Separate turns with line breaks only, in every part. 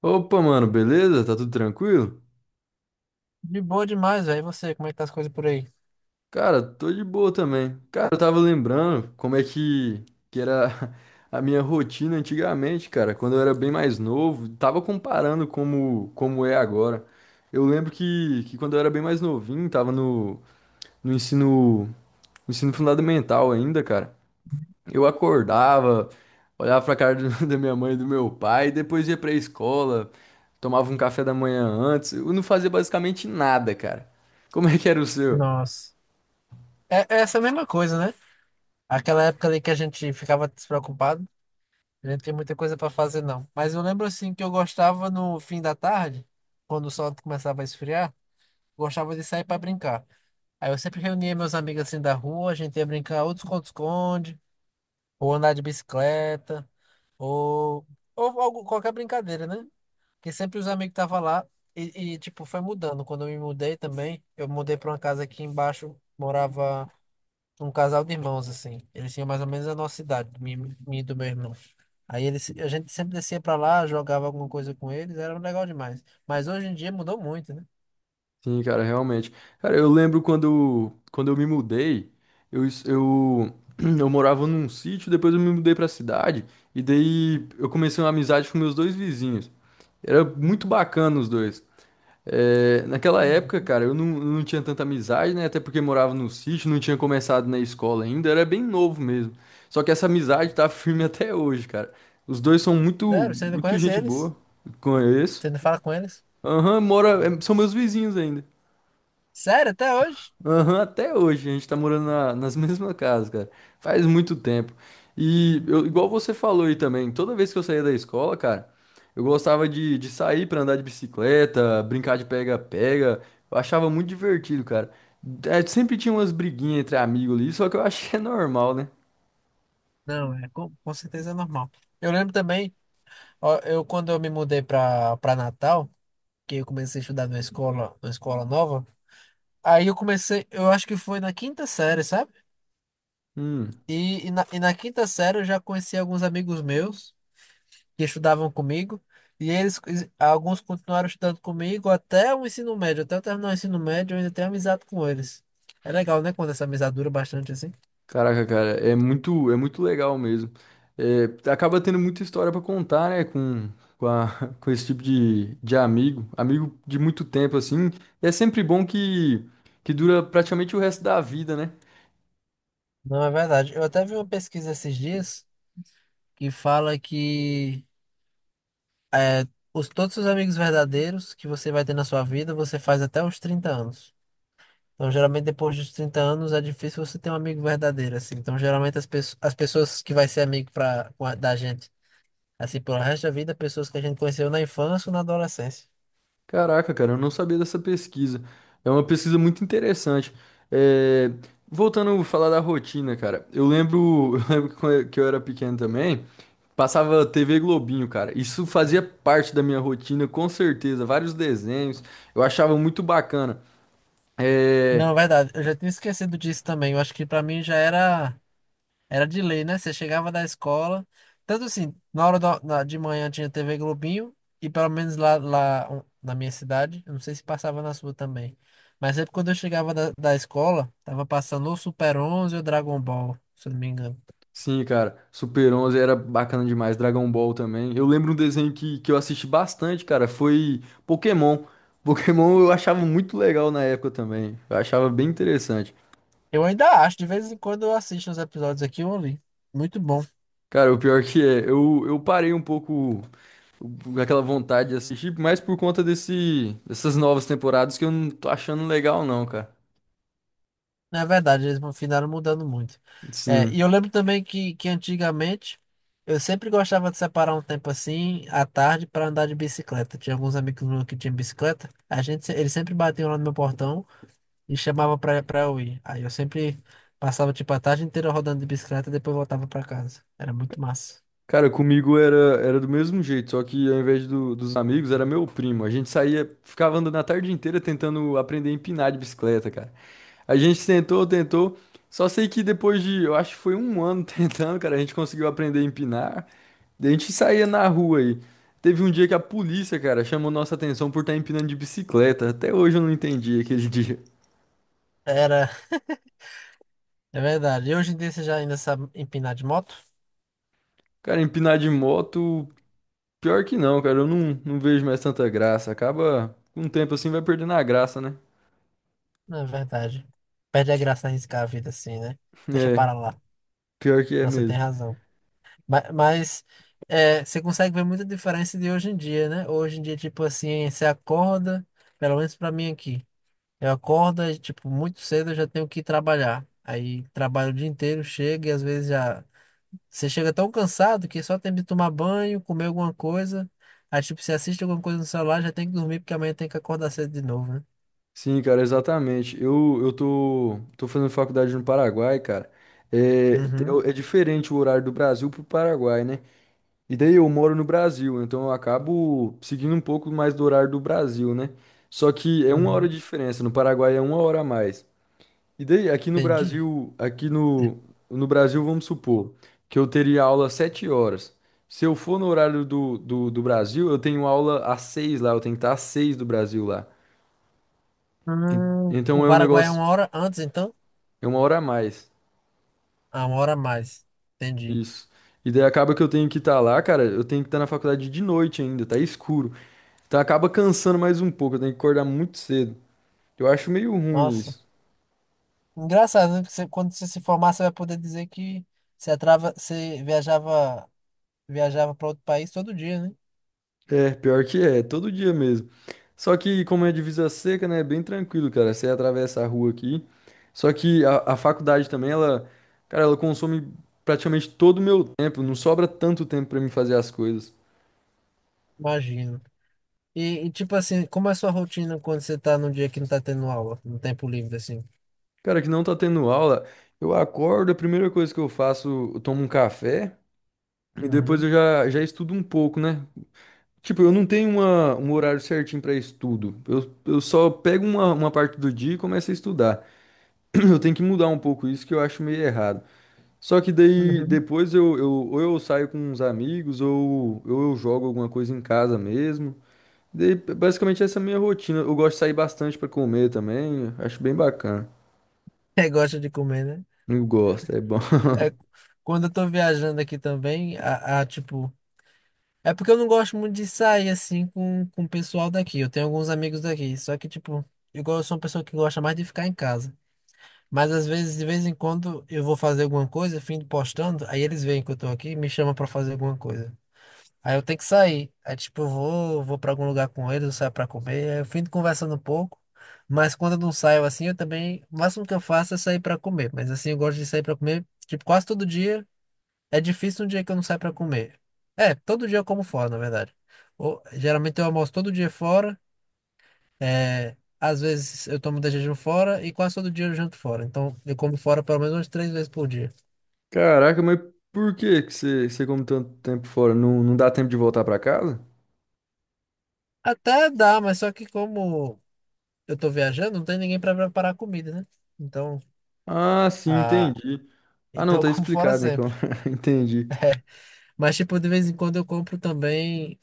Opa, mano, beleza? Tá tudo tranquilo?
De boa demais, velho. E você, como é que tá as coisas por aí?
Cara, tô de boa também. Cara, eu tava lembrando como é que, era a minha rotina antigamente, cara, quando eu era bem mais novo. Tava comparando como, é agora. Eu lembro que quando eu era bem mais novinho, tava no, ensino fundamental ainda, cara. Eu acordava, olhava pra cara da minha mãe e do meu pai, depois ia pra escola, tomava um café da manhã antes. Eu não fazia basicamente nada, cara. Como é que era o seu?
Nossa. É essa mesma coisa, né? Aquela época ali que a gente ficava despreocupado, a gente não tinha muita coisa pra fazer, não. Mas eu lembro assim que eu gostava no fim da tarde, quando o sol começava a esfriar, gostava de sair pra brincar. Aí eu sempre reunia meus amigos assim da rua, a gente ia brincar ou de esconde-esconde, ou andar de bicicleta, ou, qualquer brincadeira, né? E sempre os amigos estavam lá e, tipo, foi mudando. Quando eu me mudei também, eu mudei para uma casa aqui embaixo, morava um casal de irmãos, assim. Eles tinham mais ou menos a nossa idade, minha e do meu irmão. Aí eles, a gente sempre descia para lá, jogava alguma coisa com eles, era legal demais. Mas hoje em dia mudou muito, né?
Sim, cara, realmente. Cara, eu lembro quando, eu me mudei, eu, es- eu, eu morava num sítio, depois eu me mudei pra cidade, e daí eu comecei uma amizade com meus dois vizinhos. Era muito bacana os dois. É, naquela época,
Uhum.
cara, eu não tinha tanta amizade, né? Até porque morava no sítio, não tinha começado na escola ainda, era bem novo mesmo. Só que essa amizade tá firme até hoje, cara. Os dois são muito,
Sério, você ainda
muito
conhece
gente
eles?
boa,
Você
conheço.
ainda fala com eles?
Aham, mora, é, são meus vizinhos ainda.
Sério, até hoje?
Aham, até hoje a gente tá morando nas mesmas casas, cara. Faz muito tempo. E eu- igual você falou aí também, toda vez que eu saía da escola, cara, eu gostava de, sair pra andar de bicicleta, brincar de pega-pega. Eu achava muito divertido, cara. É, sempre tinha umas briguinhas entre amigos ali, só que eu acho que é normal, né?
Não, é com certeza é normal. Eu lembro também, ó, eu quando eu me mudei para Natal, que eu comecei a estudar numa escola nova. Aí eu comecei, eu acho que foi na quinta série, sabe?
Hum.
E na quinta série eu já conheci alguns amigos meus que estudavam comigo. E eles, alguns continuaram estudando comigo até o ensino médio. Até eu terminar o ensino médio, eu ainda tenho amizade com eles. É legal, né? Quando essa amizade dura bastante assim.
Caraca, cara, é muito legal mesmo. É, acaba tendo muita história pra contar, né, com, a- com esse tipo de, amigo de muito tempo, assim. E é sempre bom que dura praticamente o resto da vida, né?
Não, é verdade. Eu até vi uma pesquisa esses dias que fala que é, os, todos os amigos verdadeiros que você vai ter na sua vida, você faz até os 30 anos. Então, geralmente, depois dos 30 anos, é difícil você ter um amigo verdadeiro, assim. Então, geralmente, as pessoas que vai ser amigo pra, da gente, assim, pelo resto da vida, pessoas que a gente conheceu na infância ou na adolescência.
Caraca, cara, eu não sabia dessa pesquisa. É uma pesquisa muito interessante. É, voltando a falar da rotina, cara, eu lembro, eu lembro que quando eu era pequeno também, passava TV Globinho, cara. Isso fazia parte da minha rotina, com certeza. Vários desenhos, eu achava muito bacana. É,
Não, é verdade. Eu já tinha esquecido disso também. Eu acho que pra mim já era de lei, né? Você chegava da escola, tanto assim, na hora da- na- de manhã tinha TV Globinho, e pelo menos lá, lá um, na minha cidade, eu não sei se passava na sua também, mas sempre quando eu chegava da escola, tava passando ou Super 11 ou Dragon Ball, se eu não me engano.
sim, cara, Super 11 era bacana demais, Dragon Ball também. Eu lembro um desenho que, eu assisti bastante, cara, foi Pokémon. Pokémon eu achava muito legal na época também. Eu achava bem interessante.
Eu ainda acho, de vez em quando eu assisto os episódios aqui, eu ouvi. Muito bom.
Cara, o pior que é, eu parei um pouco aquela vontade de assistir, mais por conta dessas novas temporadas que eu não tô achando legal, não, cara.
Na verdade, eles finalizaram mudando muito. É,
Sim.
e eu lembro também que antigamente eu sempre gostava de separar um tempo assim, à tarde, para andar de bicicleta. Tinha alguns amigos meus que tinham bicicleta, a gente, se- eles sempre batiam lá no meu portão e chamavam pra eu ir. Aí eu sempre passava tipo a tarde inteira rodando de bicicleta e depois voltava pra casa. Era muito massa.
Cara, comigo era do mesmo jeito, só que ao invés dos amigos, era meu primo. A gente saía, ficava andando a tarde inteira tentando aprender a empinar de bicicleta, cara. A gente tentou, tentou, só sei que depois de, eu acho que foi um ano tentando, cara, a gente conseguiu aprender a empinar. Daí a gente saía na rua aí. Teve um dia que a polícia, cara, chamou nossa atenção por estar empinando de bicicleta. Até hoje eu não entendi aquele dia.
Era, é verdade. E hoje em dia você já ainda sabe empinar de moto?
Cara, empinar de moto, pior que não, cara, eu não, vejo mais tanta graça. Acaba, com o tempo assim, vai perdendo a graça, né?
É verdade. Perde a graça arriscar a vida assim, né? Deixa
É,
para lá.
pior que é
Nossa, tem
mesmo.
razão. Mas é, você consegue ver muita diferença de hoje em dia, né? Hoje em dia, tipo assim, você acorda, pelo menos para mim aqui. Eu acordo, e, tipo, muito cedo eu já tenho que ir trabalhar. Aí trabalho o dia inteiro, chega e às vezes já. Você chega tão cansado que só tem de tomar banho, comer alguma coisa. Aí, tipo, você assiste alguma coisa no celular, já tem que dormir porque amanhã tem que acordar cedo de novo, né?
Sim, cara, exatamente. Eu tô fazendo faculdade no Paraguai, cara. É,
Uhum,
é diferente o horário do Brasil pro Paraguai, né? E daí eu moro no Brasil, então eu acabo seguindo um pouco mais do horário do Brasil, né? Só que é uma hora
uhum.
de diferença, no Paraguai é uma hora a mais. E daí, aqui no
Entendi.
Brasil, aqui no, Brasil, vamos supor que eu teria aula às 7 horas. Se eu for no horário do Brasil, eu tenho aula às 6 lá, eu tenho que estar às 6 do Brasil lá. Então
O
é um
Paraguai é
negócio,
uma hora antes, então?
é uma hora a mais.
Ah, uma hora a mais. Entendi.
Isso. E daí acaba que eu tenho que estar lá, cara, eu tenho que estar na faculdade de noite ainda, tá escuro. Então acaba cansando mais um pouco, eu tenho que acordar muito cedo. Eu acho meio ruim
Nossa.
isso.
Engraçado, né? Porque você- quando você se formar, você vai poder dizer que você viajava, viajava para outro país todo dia, né?
É, pior que é, todo dia mesmo. Só que como é divisa seca, né, é bem tranquilo, cara, você atravessa a rua aqui. Só que a faculdade também, ela, cara, ela consome praticamente todo o meu tempo, não sobra tanto tempo pra mim fazer as coisas.
Imagino. E tipo assim, como é a sua rotina quando você tá num dia que não tá tendo aula, no tempo livre, assim?
Cara, que não tá tendo aula, eu acordo, a primeira coisa que eu faço, eu tomo um café e
Uhum,
depois eu
uhum.
já, já estudo um pouco, né? Tipo, eu não tenho uma, um horário certinho pra estudo. Eu só pego uma parte do dia e começo a estudar. Eu tenho que mudar um pouco isso que eu acho meio errado. Só que daí depois eu ou eu saio com uns amigos ou, eu jogo alguma coisa em casa mesmo. Daí, basicamente essa é a minha rotina. Eu gosto de sair bastante pra comer também, acho bem bacana.
Você gosta de comer, né?
Eu gosto, é bom.
É, quando eu tô viajando aqui também, tipo. É porque eu não gosto muito de sair assim com o pessoal daqui. Eu tenho alguns amigos daqui. Só que, tipo, igual eu sou uma pessoa que gosta mais de ficar em casa. Mas às vezes, de vez em quando, eu vou fazer alguma coisa, fim de postando, aí eles veem que eu tô aqui e me chamam pra fazer alguma coisa. Aí eu tenho que sair. Aí, tipo, eu vou pra algum lugar com eles, eu saio pra comer. Aí eu fim de conversando um pouco. Mas quando eu não saio assim, eu também. O máximo que eu faço é sair pra comer. Mas assim, eu gosto de sair pra comer, tipo, quase todo dia. É difícil um dia que eu não saio pra comer. É, todo dia eu como fora, na verdade. Ou, geralmente eu almoço todo dia fora. É, às vezes eu tomo jejum fora e quase todo dia eu janto fora. Então eu como fora pelo menos umas 3 vezes por dia.
Caraca, mas por que que você come tanto tempo fora? Não, não dá tempo de voltar pra casa?
Até dá, mas só que como eu tô viajando, não tem ninguém pra preparar comida, né? Então,
Ah, sim,
ah,
entendi. Ah, não,
então eu
tá
como fora
explicado, né? que eu-
sempre.
Entendi.
Mas, tipo, de vez em quando eu compro também.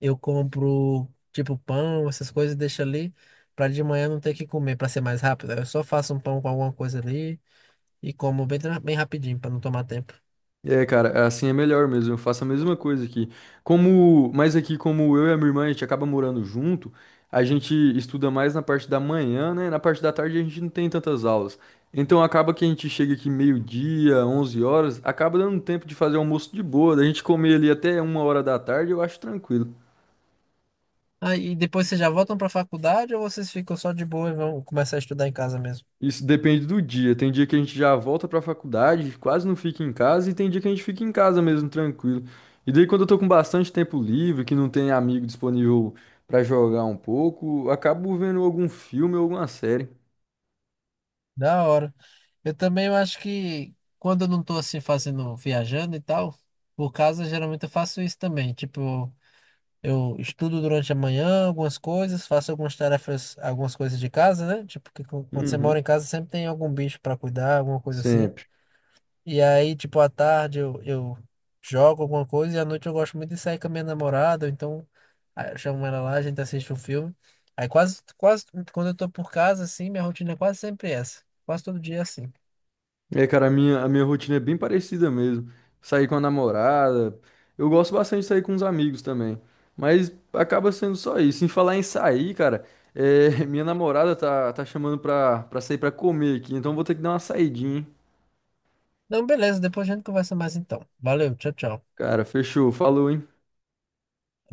Eu compro tipo pão, essas coisas, e deixo ali pra de manhã não ter que comer, pra ser mais rápido. Eu só faço um pão com alguma coisa ali e como bem, bem rapidinho pra não tomar tempo.
É, cara, assim é melhor mesmo. Eu faço a mesma coisa aqui. Como, mas aqui, como eu e a minha irmã, a gente acaba morando junto, a gente estuda mais na parte da manhã, né? Na parte da tarde a gente não tem tantas aulas. Então acaba que a gente chega aqui meio-dia, 11 horas, acaba dando tempo de fazer almoço de boa, da gente comer ali até uma hora da tarde, eu acho tranquilo.
Aí e depois vocês já voltam pra faculdade ou vocês ficam só de boa e vão começar a estudar em casa mesmo?
Isso depende do dia. Tem dia que a gente já volta pra faculdade, quase não fica em casa, e tem dia que a gente fica em casa mesmo, tranquilo. E daí, quando eu tô com bastante tempo livre, que não tem amigo disponível pra jogar um pouco, acabo vendo algum filme ou alguma série.
Da hora. Eu também eu acho que quando eu não tô assim fazendo, viajando e tal, por casa geralmente eu faço isso também. Tipo, eu estudo durante a manhã algumas coisas, faço algumas tarefas, algumas coisas de casa, né? Tipo, quando você mora
Uhum.
em casa sempre tem algum bicho pra cuidar, alguma coisa assim.
Sempre.
E aí, tipo, à tarde eu jogo alguma coisa e à noite eu gosto muito de sair com a minha namorada, ou então aí eu chamo ela lá, a gente assiste um filme. Aí quando eu tô por casa, assim, minha rotina é quase sempre essa. Quase todo dia é assim.
É, cara, a minha rotina é bem parecida mesmo. Sair com a namorada. Eu gosto bastante de sair com os amigos também. Mas acaba sendo só isso. Em falar em sair, cara, é, minha namorada tá, chamando pra sair pra comer aqui. Então vou ter que dar uma saidinha, hein?
Então, beleza, depois a gente conversa mais então. Valeu, tchau, tchau.
Cara, fechou. Falou, hein?